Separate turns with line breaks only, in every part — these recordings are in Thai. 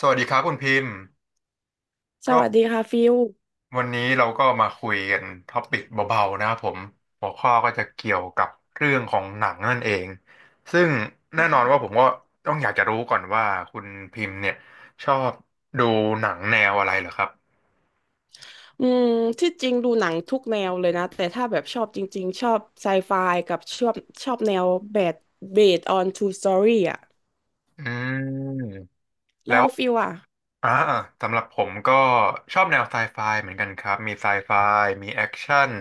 สวัสดีครับคุณพิมพ์
ส
ก็
วัสดีค่ะฟิล
วันนี้เราก็มาคุยกันท็อปิกเบาๆนะครับผมหัวข้อก็จะเกี่ยวกับเรื่องของหนังนั่นเองซึ่งแน่นอนว่าผมก็ต้องอยากจะรู้ก่อนว่าคุณพิมพ์เนี่ยชอบดูหนังแนวอะไรเหรอครับ
อืมที่จริงดูหนังทุกแนวเลยนะ แต่ถ้าแบบชอบจริงๆชอบไซไฟกับชอบแนวแบดเบสออนทรูสตอรี่อะ
อืมแล้
แล้ว
ว
ฟิลอะ
อ่าสำหรับผมก็ชอบแนวไซไฟเหมือนกันครับมีไซไฟมีแอคชั่น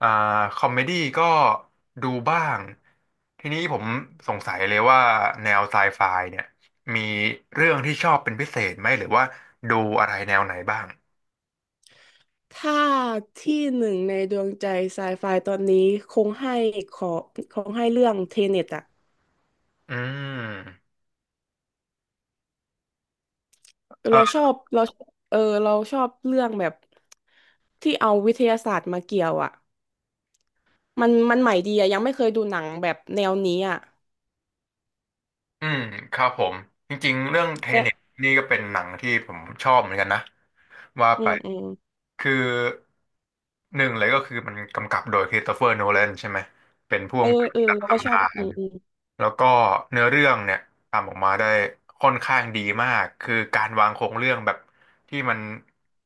อ่าคอมเมดี้ก็ดูบ้างทีนี้ผมสงสัยเลยว่าแนวไซไฟเนี่ยมีเรื่องที่ชอบเป็นพิเศษไหมหรือว่าดูอะไรแนวไหนบ้าง
ถ้าที่หนึ่งในดวงใจไซไฟตอนนี้คงให้ขอคงให้เรื่องเทเน็ตอะ
อืม
เราชอบเราเราชอบเรื่องแบบที่เอาวิทยาศาสตร์มาเกี่ยวอะมันใหม่ดีอะยังไม่เคยดูหนังแบบแนวนี้อะ
อืมครับผมจริงๆเรื่องเท
แต่
เน็ตนี่ก็เป็นหนังที่ผมชอบเหมือนกันนะว่า
อื
ไป
มอืม
คือหนึ่งเลยก็คือมันกำกับโดยคริสโตเฟอร์โนแลนใช่ไหมเป็นผู้กำกับระดับ
เราก็
ตำ
ชอ
นา
บ
น แล้วก็เนื้อเรื่องเนี่ยทำออกมาได้ค่อนข้างดีมากคือการวางโครงเรื่องแบบที่มัน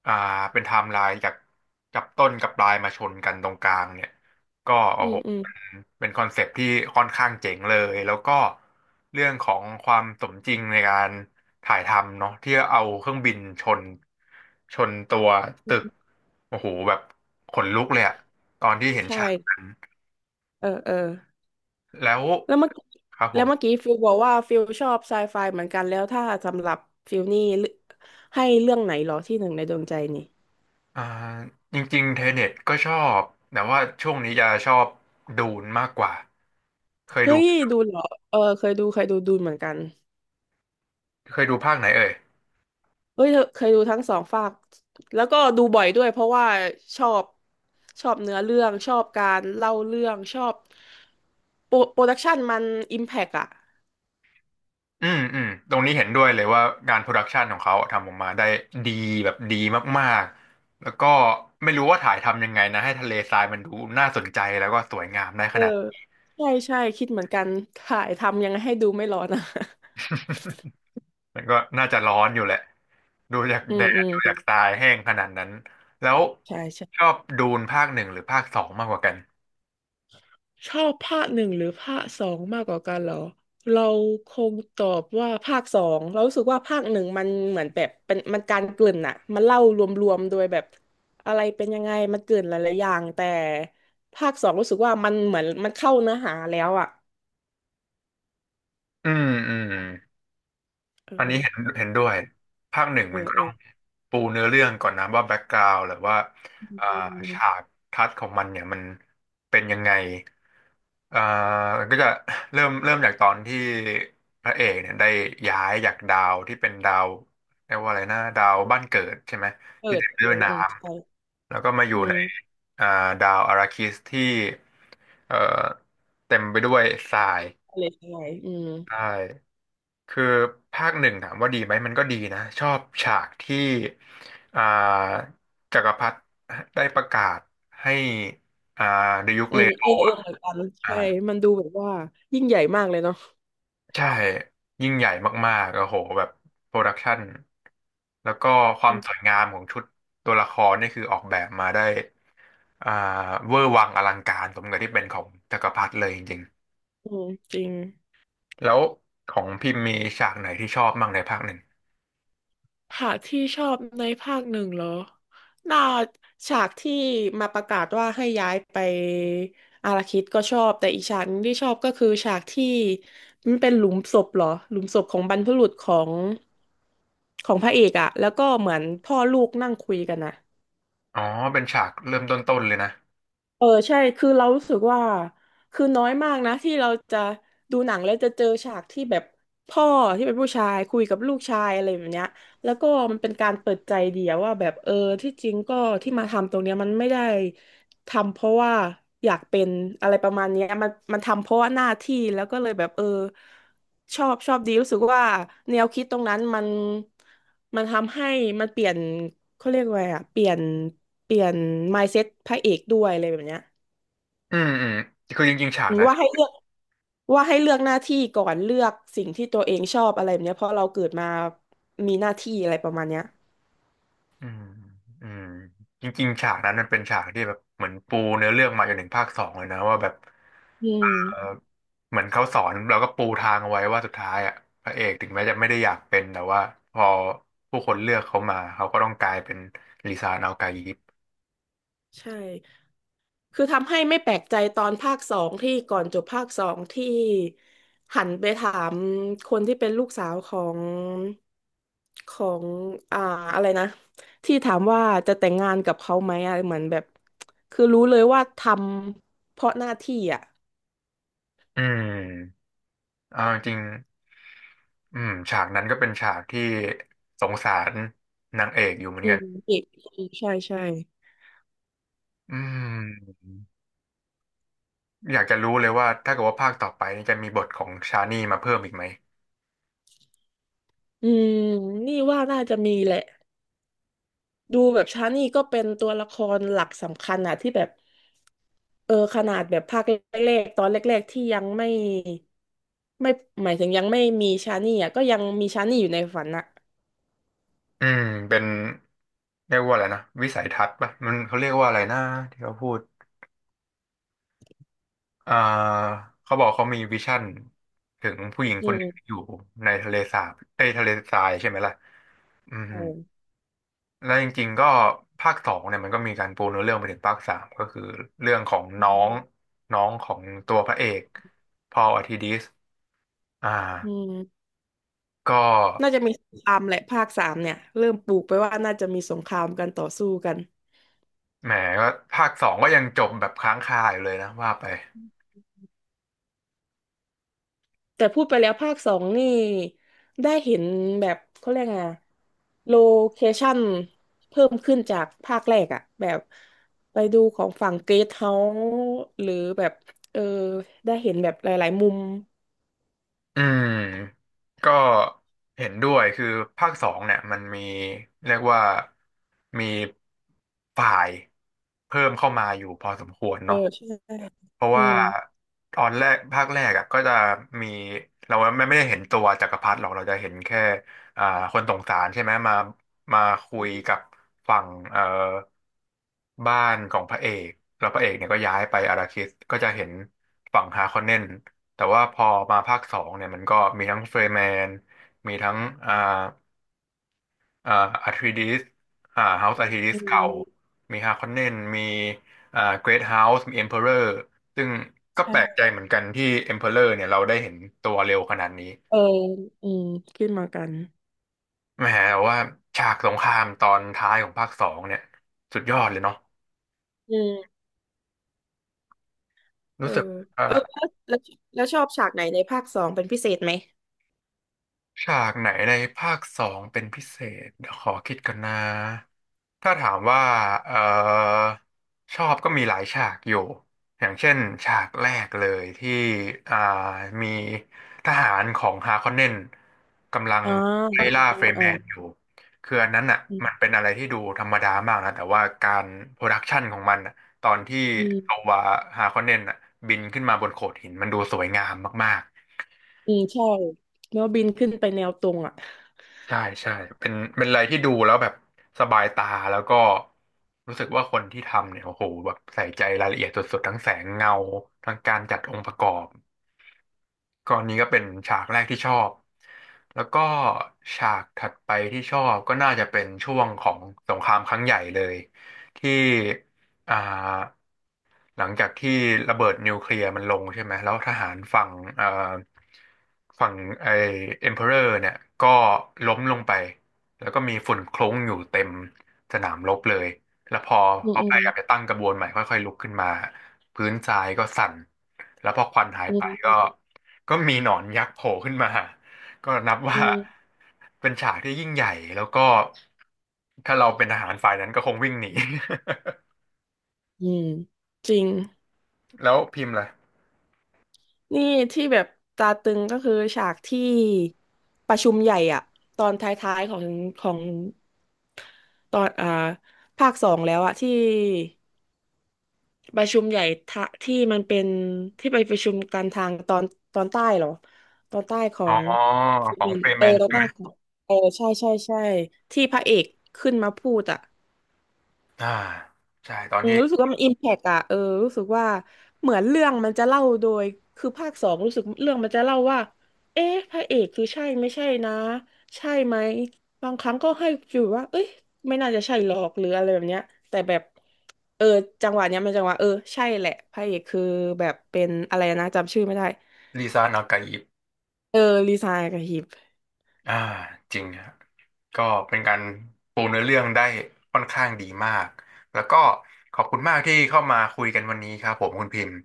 อ่าเป็นไทม์ไลน์จากจับต้นกับปลายมาชนกันตรงกลางเนี่ยก็โอ้
อืม
โห
อืม
เป็นคอนเซปต์ที่ค่อนข้างเจ๋งเลยแล้วก็เรื่องของความสมจริงในการถ่ายทำเนาะที่เอาเครื่องบินชนตัวตึกโอ้โหแบบขนลุกเลยอะตอนที่เห็น
ใช่
ฉากนั้น
เออ เออ
แล้ว
แล้วเมื่อกี้
ครับผ
แล้ว
ม
เมื่อกี้ฟิลบอกว่าฟิลชอบไซไฟเหมือนกัน แล้วถ้าสำหรับฟิลนี่เลือกให้เรื่องไหนเหรอที่หนึ่งในดวงใจนี่
อ่าจริงๆเทเน็ตก็ชอบแต่ว่าช่วงนี้จะชอบดูนมากกว่าเคย
เฮ้
ดู
ยดูเหรอเออเคยดูเคยดูเหมือนกัน
เคยดูภาคไหนเอ่ย
เฮ้ยเธอเคยดูทั้งสองภาคแล้วก็ดูบ่อยด้วยเพราะว่าชอบชอบเนื้อเรื่องชอบการเล่าเรื่องชอบโปรดักชันมันอิมแพกอะ
อืมอืมตรงนี้เห็นด้วยเลยว่างานโปรดักชันของเขาทำออกมาได้ดีแบบดีมากๆแล้วก็ไม่รู้ว่าถ่ายทำยังไงนะให้ทะเลทรายมันดูน่าสนใจแล้วก็สวยงามได้
เอ
ข
อ
นาด
ใช่ใช่คิดเหมือนกันถ่ายทำยังไงให้ดูไม่ร้อนอะ
มันก็น่าจะร้อนอยู่แหละดูจาก
อื
แด
มอื
ด
ม
ดูจากทรายแห้งขนาดนั้นแล้ว
ใช่ใช่
ชอบดูนภาคหนึ่งหรือภาคสองมากกว่ากัน
ชอบภาคหนึ่งหรือภาคสองมากกว่ากันเหรอเราคงตอบว่าภาคสองเรารู้สึกว่าภาคหนึ่งมันเหมือนแบบเป็นมันการเกริ่นอะมันเล่ารวมๆโดยแบบอะไรเป็นยังไงมันเกริ่นหลายๆอย่างแต่ภาคสองรู้สึกว่ามันเหมือนมันเข้าเนื้อหาแล้วอะ
อืมอืม
เอ
อันนี้
อ
เห็นด้วยภาคหนึ่ง
เอ
มัน
อ
ก็
เอ
ต้อ
อ
งปูเนื้อเรื่องก่อนนะว่าแบ็กกราวด์หรือว่า
อื
เอ่อฉา
ม
กทัศน์ของมันเนี่ยมันเป็นยังไงเอ่อก็จะเริ่มจากตอนที่พระเอกเนี่ยได้ย้ายจากดาวที่เป็นดาวเรียกว่าอะไรนะดาวบ้านเกิดใช่ไหม
เปิ
ที่
ด
เต็มไป
เอ
ด้วย
อ
น้
อืมใช่
ำแล้วก็มาอ
อื
ยู่ใน
ม
อ่าดาวอาราคิสที่เอ่อเต็มไปด้วยทราย
อะไรใช่อืม
ใช่ คือภาคหนึ่งถามว่าดีไหมมันก็ดีนะชอบฉากที่อ่าจักรพรรดิได้ประกาศให้อ่าดยุค
อื
เล
ม
โน
เออเออเหมือนกันใช่
อ่า
มันดูแบบว่ายิ่งใหญ่มากเลยเนาะ
ใช่ยิ่งใหญ่มากๆโอ้โหแบบโปรดักชันแล้วก็ควา
อื
มสวย
ม
งามของชุดตัวละครนี่คือออกแบบมาได้อ่าเวอร์วังอลังการสมกับที่เป็นของจักรพรรดิเลยจริง
อืมจริง
ๆแล้วของพิมพ์มีฉากไหนที่ชอบบ้างในภาคหนึ่ง
หากที่ชอบในภาคหนึ่งเหรอน่าฉากที่มาประกาศว่าให้ย้ายไปอาราคิดก็ชอบ แต่อีกฉากหนึงที่ชอบก็คือฉากที่มันเป็นหลุมศพเหรอ หลุมศพของบรรพบุรุษของพระเอกอะ แล้วก็เหมือนพ่อลูกนั่งคุยกันอะ
อ๋อเป็นฉากเริ่มต้นๆเลยนะ
เออใช่คือเรารู้สึกว่าคือน้อยมากนะที่เราจะดูหนังแล้วจะเจอฉากที่แบบพ่อที่เป็นผู้ชายคุยกับลูกชายอะไรแบบเนี้ยแล้วก็มันเป็นการเปิดใจเดียวว่าแบบเออที่จริงก็ที่มาทำตรงเนี้ยมันไม่ได้ ทำเพราะว่าอยากเป็นอะไรประมาณเนี้ยมันทำเพราะว่าหน้าที่แล้วก็เลยแบบเออชอบดีรู้สึกว่าแนวคิดตรงนั้นมันทำให้มันเปลี่ยนเขาเรียกว่าไงอะเปลี่ยนเปลี่ยน mindset พระเอกด้วยอะไรแบบเนี้ย
อืมอืมคือจริงๆฉากนั้น
ว่าให้เลือกว่าให้เลือกหน้าที่ก่อนเลือกสิ่งที่ตัวเองชอบอะไรแบบเนี้ยเพราะเราเกิดมามีหน้าที่อะไรประมาณเนี้ย
อืมอืมจริงๆฉากนั้นมันเป็นฉากที่แบบเหมือนปูเนื้อเรื่องมาจนถึงภาคสองเลยนะว่าแบบ
อืม
เออเหมือนเขาสอนเราก็ปูทางเอาไว้ว่าสุดท้ายอ่ะพระเอกถึงแม้จะไม่ได้อยากเป็นแต่ว่าพอผู้คนเลือกเขามาเขาก็ต้องกลายเป็นลิซานาโกายิป
ใช่ คือทำให้ไม่แปลกใจตอนภาคสองที่ก่อนจบภาคสองที่หันไปถามคนที่เป็นลูกสาวของของอ่าอะไรนะที่ถามว่าจะแต่งงานกับเขาไหมอะเหมือนแบบคือรู้เลยว่าทำเพราะหน้าที่อ่ะ
อืมเอาจริงๆฉากนั้นก็เป็นฉากที่สงสารนางเอกอยู่เหมือน
อื
กัน
มอีกใช่ใช่
อืม อยากจะรู้เลยว่าถ้าเกิดว่าภาคต่อไปนี่จะมีบทของชานี่มาเพิ่มอีกไหม
อืมนี่ว่าน่าจะมีแหละ ดูแบบชานี่ก็เป็นตัวละครหลักสำคัญอะที่แบบเออขนาดแบบภาคแรกๆตอนแรกๆที่ยังไม่ไม่หมายถึงยังไม่มีชานี่อะก็ยังมีชานี่อยู่ในฝันอะ
อืมเป็นเรียกว่าอะไรนะวิสัยทัศน์ป่ะมันเขาเรียกว่าอะไรนะที่เขาพูดอ่าเขาบอกเขามีวิชั่นถึงผู้หญิง
อื
คนหนึ่งที่อ
ม
ยู่ในทะเลสาบในทะเลทรายใช่ไหมล่ะ อืม
โอ้
แล้วจริงๆก็ภาคสองเนี่ยมันก็มีการปูเนื้อเรื่องไปถึงภาคสามก็คือเรื่องของ
อื
น้อ
ม
งน้องของตัวพระเอกพอลอธิดิสอ่า
อืม
ก็
น่าจะมีสงครามแหละภาคสามเนี่ยเริ่มปลูกไปว่าน่าจะมีสงครามกันต่อสู้กัน
แหมก็ภาคสองก็ยังจบแบบค้างคาอยู่เลยนะว่าไป
แต่พูดไปแล้วภาคสองนี่ได้เห็นแบบเขาเรียกไงโลเคชั่นเพิ่มขึ้นจากภาคแรกอะแบบไปดูของฝั่งเกสเฮาส์หรือแบบเออได้เห็นแบบหลายๆมุม
อืมก็เห็นด้วยคือภาคสองเนี่ยมันมีเรียกว่ามีฝ่ายเพิ่มเข้ามาอยู่พอสมควร
เออ
เนาะ
ใช่
เพราะ
อื
ว่า
ม
ตอนแรกภาคแรกอ่ะก็จะมีเราไม่ได้เห็นตัวจักรพรรดิหรอกเราจะเห็นแค่อ่าคนสงสารใช่ไหมมาคุยกับฝั่งบ้านของพระเอกแล้วพระเอกเนี่ยก็ย้ายไปอาราคิสก็จะเห็นฝั่งฮาคอนเนนแต่ว่าพอมาภาคสองเนี่ยมันก็มีทั้งเฟรย์แมนมีทั้งอ่า อ่าอาร์ทิดิสเฮาส์อาร์ทิดิ
อื
สเก่า
ม
มีฮาคอนเนนมีเกรทเฮาส์มีเอ็มเพอเรอร์ซึ่งก็แปลก
ใช่
ใจเหมือนกันที่เอ็มเพอเรอร์เนี่ยเราได้เห็นตัวเร็วขนาดนี้
เอออืมขึ้นมากัน
แหมแต่ว่าฉากสงครามตอนท้ายของภาคสองเนี่ยสุดยอดเลยเนาะ
อืมเอ
รู้
อ
สึกว่า
เออแล้วชอบฉากไหนในภาคสองเป็นพิเศษไหม
ฉากไหนในภาคสองเป็นพิเศษเดี๋ยวขอคิดกันนะถ้าถามว่าเอ่อชอบก็มีหลายฉากอยู่อย่างเช่นฉากแรกเลยที่อ่ามีทหารของฮาคอนเนนกำลัง
อ๋อ
ไล่ล่า
อ๋อ
เฟร
อ๋
แม
อ
นอยู่คืออันนั้นอ่ะมัน
อ
เป็นอะไรที่ดูธรรมดามากนะแต่ว่าการโปรดักชันของมันน่ะตอนที่
ื
ตั
ม
วฮาคอนเนนอ่ะบินขึ้นมาบนโขดหินมันดูสวยงามมากๆ
อืมใช่แล้วบินขึ้นไปแนวตรงอ่ะ
ใช่ใช่เป็นอะไรที่ดูแล้วแบบสบายตาแล้วก็รู้สึกว่าคนที่ทำเนี่ยโอ้โหแบบใส่ใจรายละเอียดสุดๆทั้งแสงเงาทั้งการจัดองค์ประกอบก็อันนี้ก็เป็นฉากแรกที่ชอบแล้วก็ฉากถัดไปที่ชอบก็น่าจะเป็นช่วงของสงครามครั้งใหญ่เลยที่อ่า หลังจากที่ระเบิดนิวเคลียร์มันลงใช่ไหมแล้วทหารฝั่งเอ่อฝั่งไอ้เอ็มเพอเรอร์เนี่ยก็ล้มลงไป แล้วก็มีฝุ่นคลุ้งอยู่เต็มสนามรบเลย แล้วพอ
อืม
เขา
อื
พ
ม
ยายามจะตั้งกระบวนใหม่ค่อยๆลุกขึ้นมาพื้นทรายก็สั่น แล้วพอควันหายไปก็มีหนอนยักษ์โผล่ขึ้นมา ก็นับ
อื
ว่า
มอืม
เป็นฉากที่ยิ่งใหญ่ แล้วก็ถ้าเราเป็นทหารฝ่ายนั้นก็คงวิ่งหนี
อืมจริง
แล้วพิมพ์ล่ะ
นี่ที่แบบตาตึงก็คือฉากที่ประชุมใหญ่อ่ะตอนท้ายๆของของตอนอ่าภาคสองแล้วอ่ะที่ประชุมใหญ่ทะที่มันเป็นที่ไปประชุมกันทางตอนใต้เหรอตอนใต้ขอ
อ๋อ
งฟิ
ข
ลิป
อง
ปิน
เฟ
ส์
ร
เอ
แม
อ
น
ตอนใต้ของเออใช่ใช่ใช่ที่พระเอกขึ้นมาพูดอ่ะ
อ่าใช่ตอน
อืม
ที่
รู้สึกว่ามันอิมแพกอะเออรู้สึกว่าเหมือนเรื่องมันจะเล่าโดยคือภาคสองรู้สึกเรื่องมันจะเล่าว่าเอ๊ะพระเอกคือใช่ไม่ใช่นะใช่ไหมบางครั้งก็ให้ฟิลว่าเอ้ยไม่น่าจะใช่หรอกหรืออะไรแบบเนี้ยแต่แบบเออจังหวะเออใช่แหละพระเอกคือแบบเป็นอะไรนะจำชื่อไม่ได้
ลิซ่านากาอิบ
เออลีซายกับฮิป
อ่าจริงฮะก็เป็นการปูเนื้อเรื่องได้ค่อนข้างดีมากแล้วก็ขอบคุณมากที่เข้ามาคุยกันวันนี้ครับผมคุณพิมพ์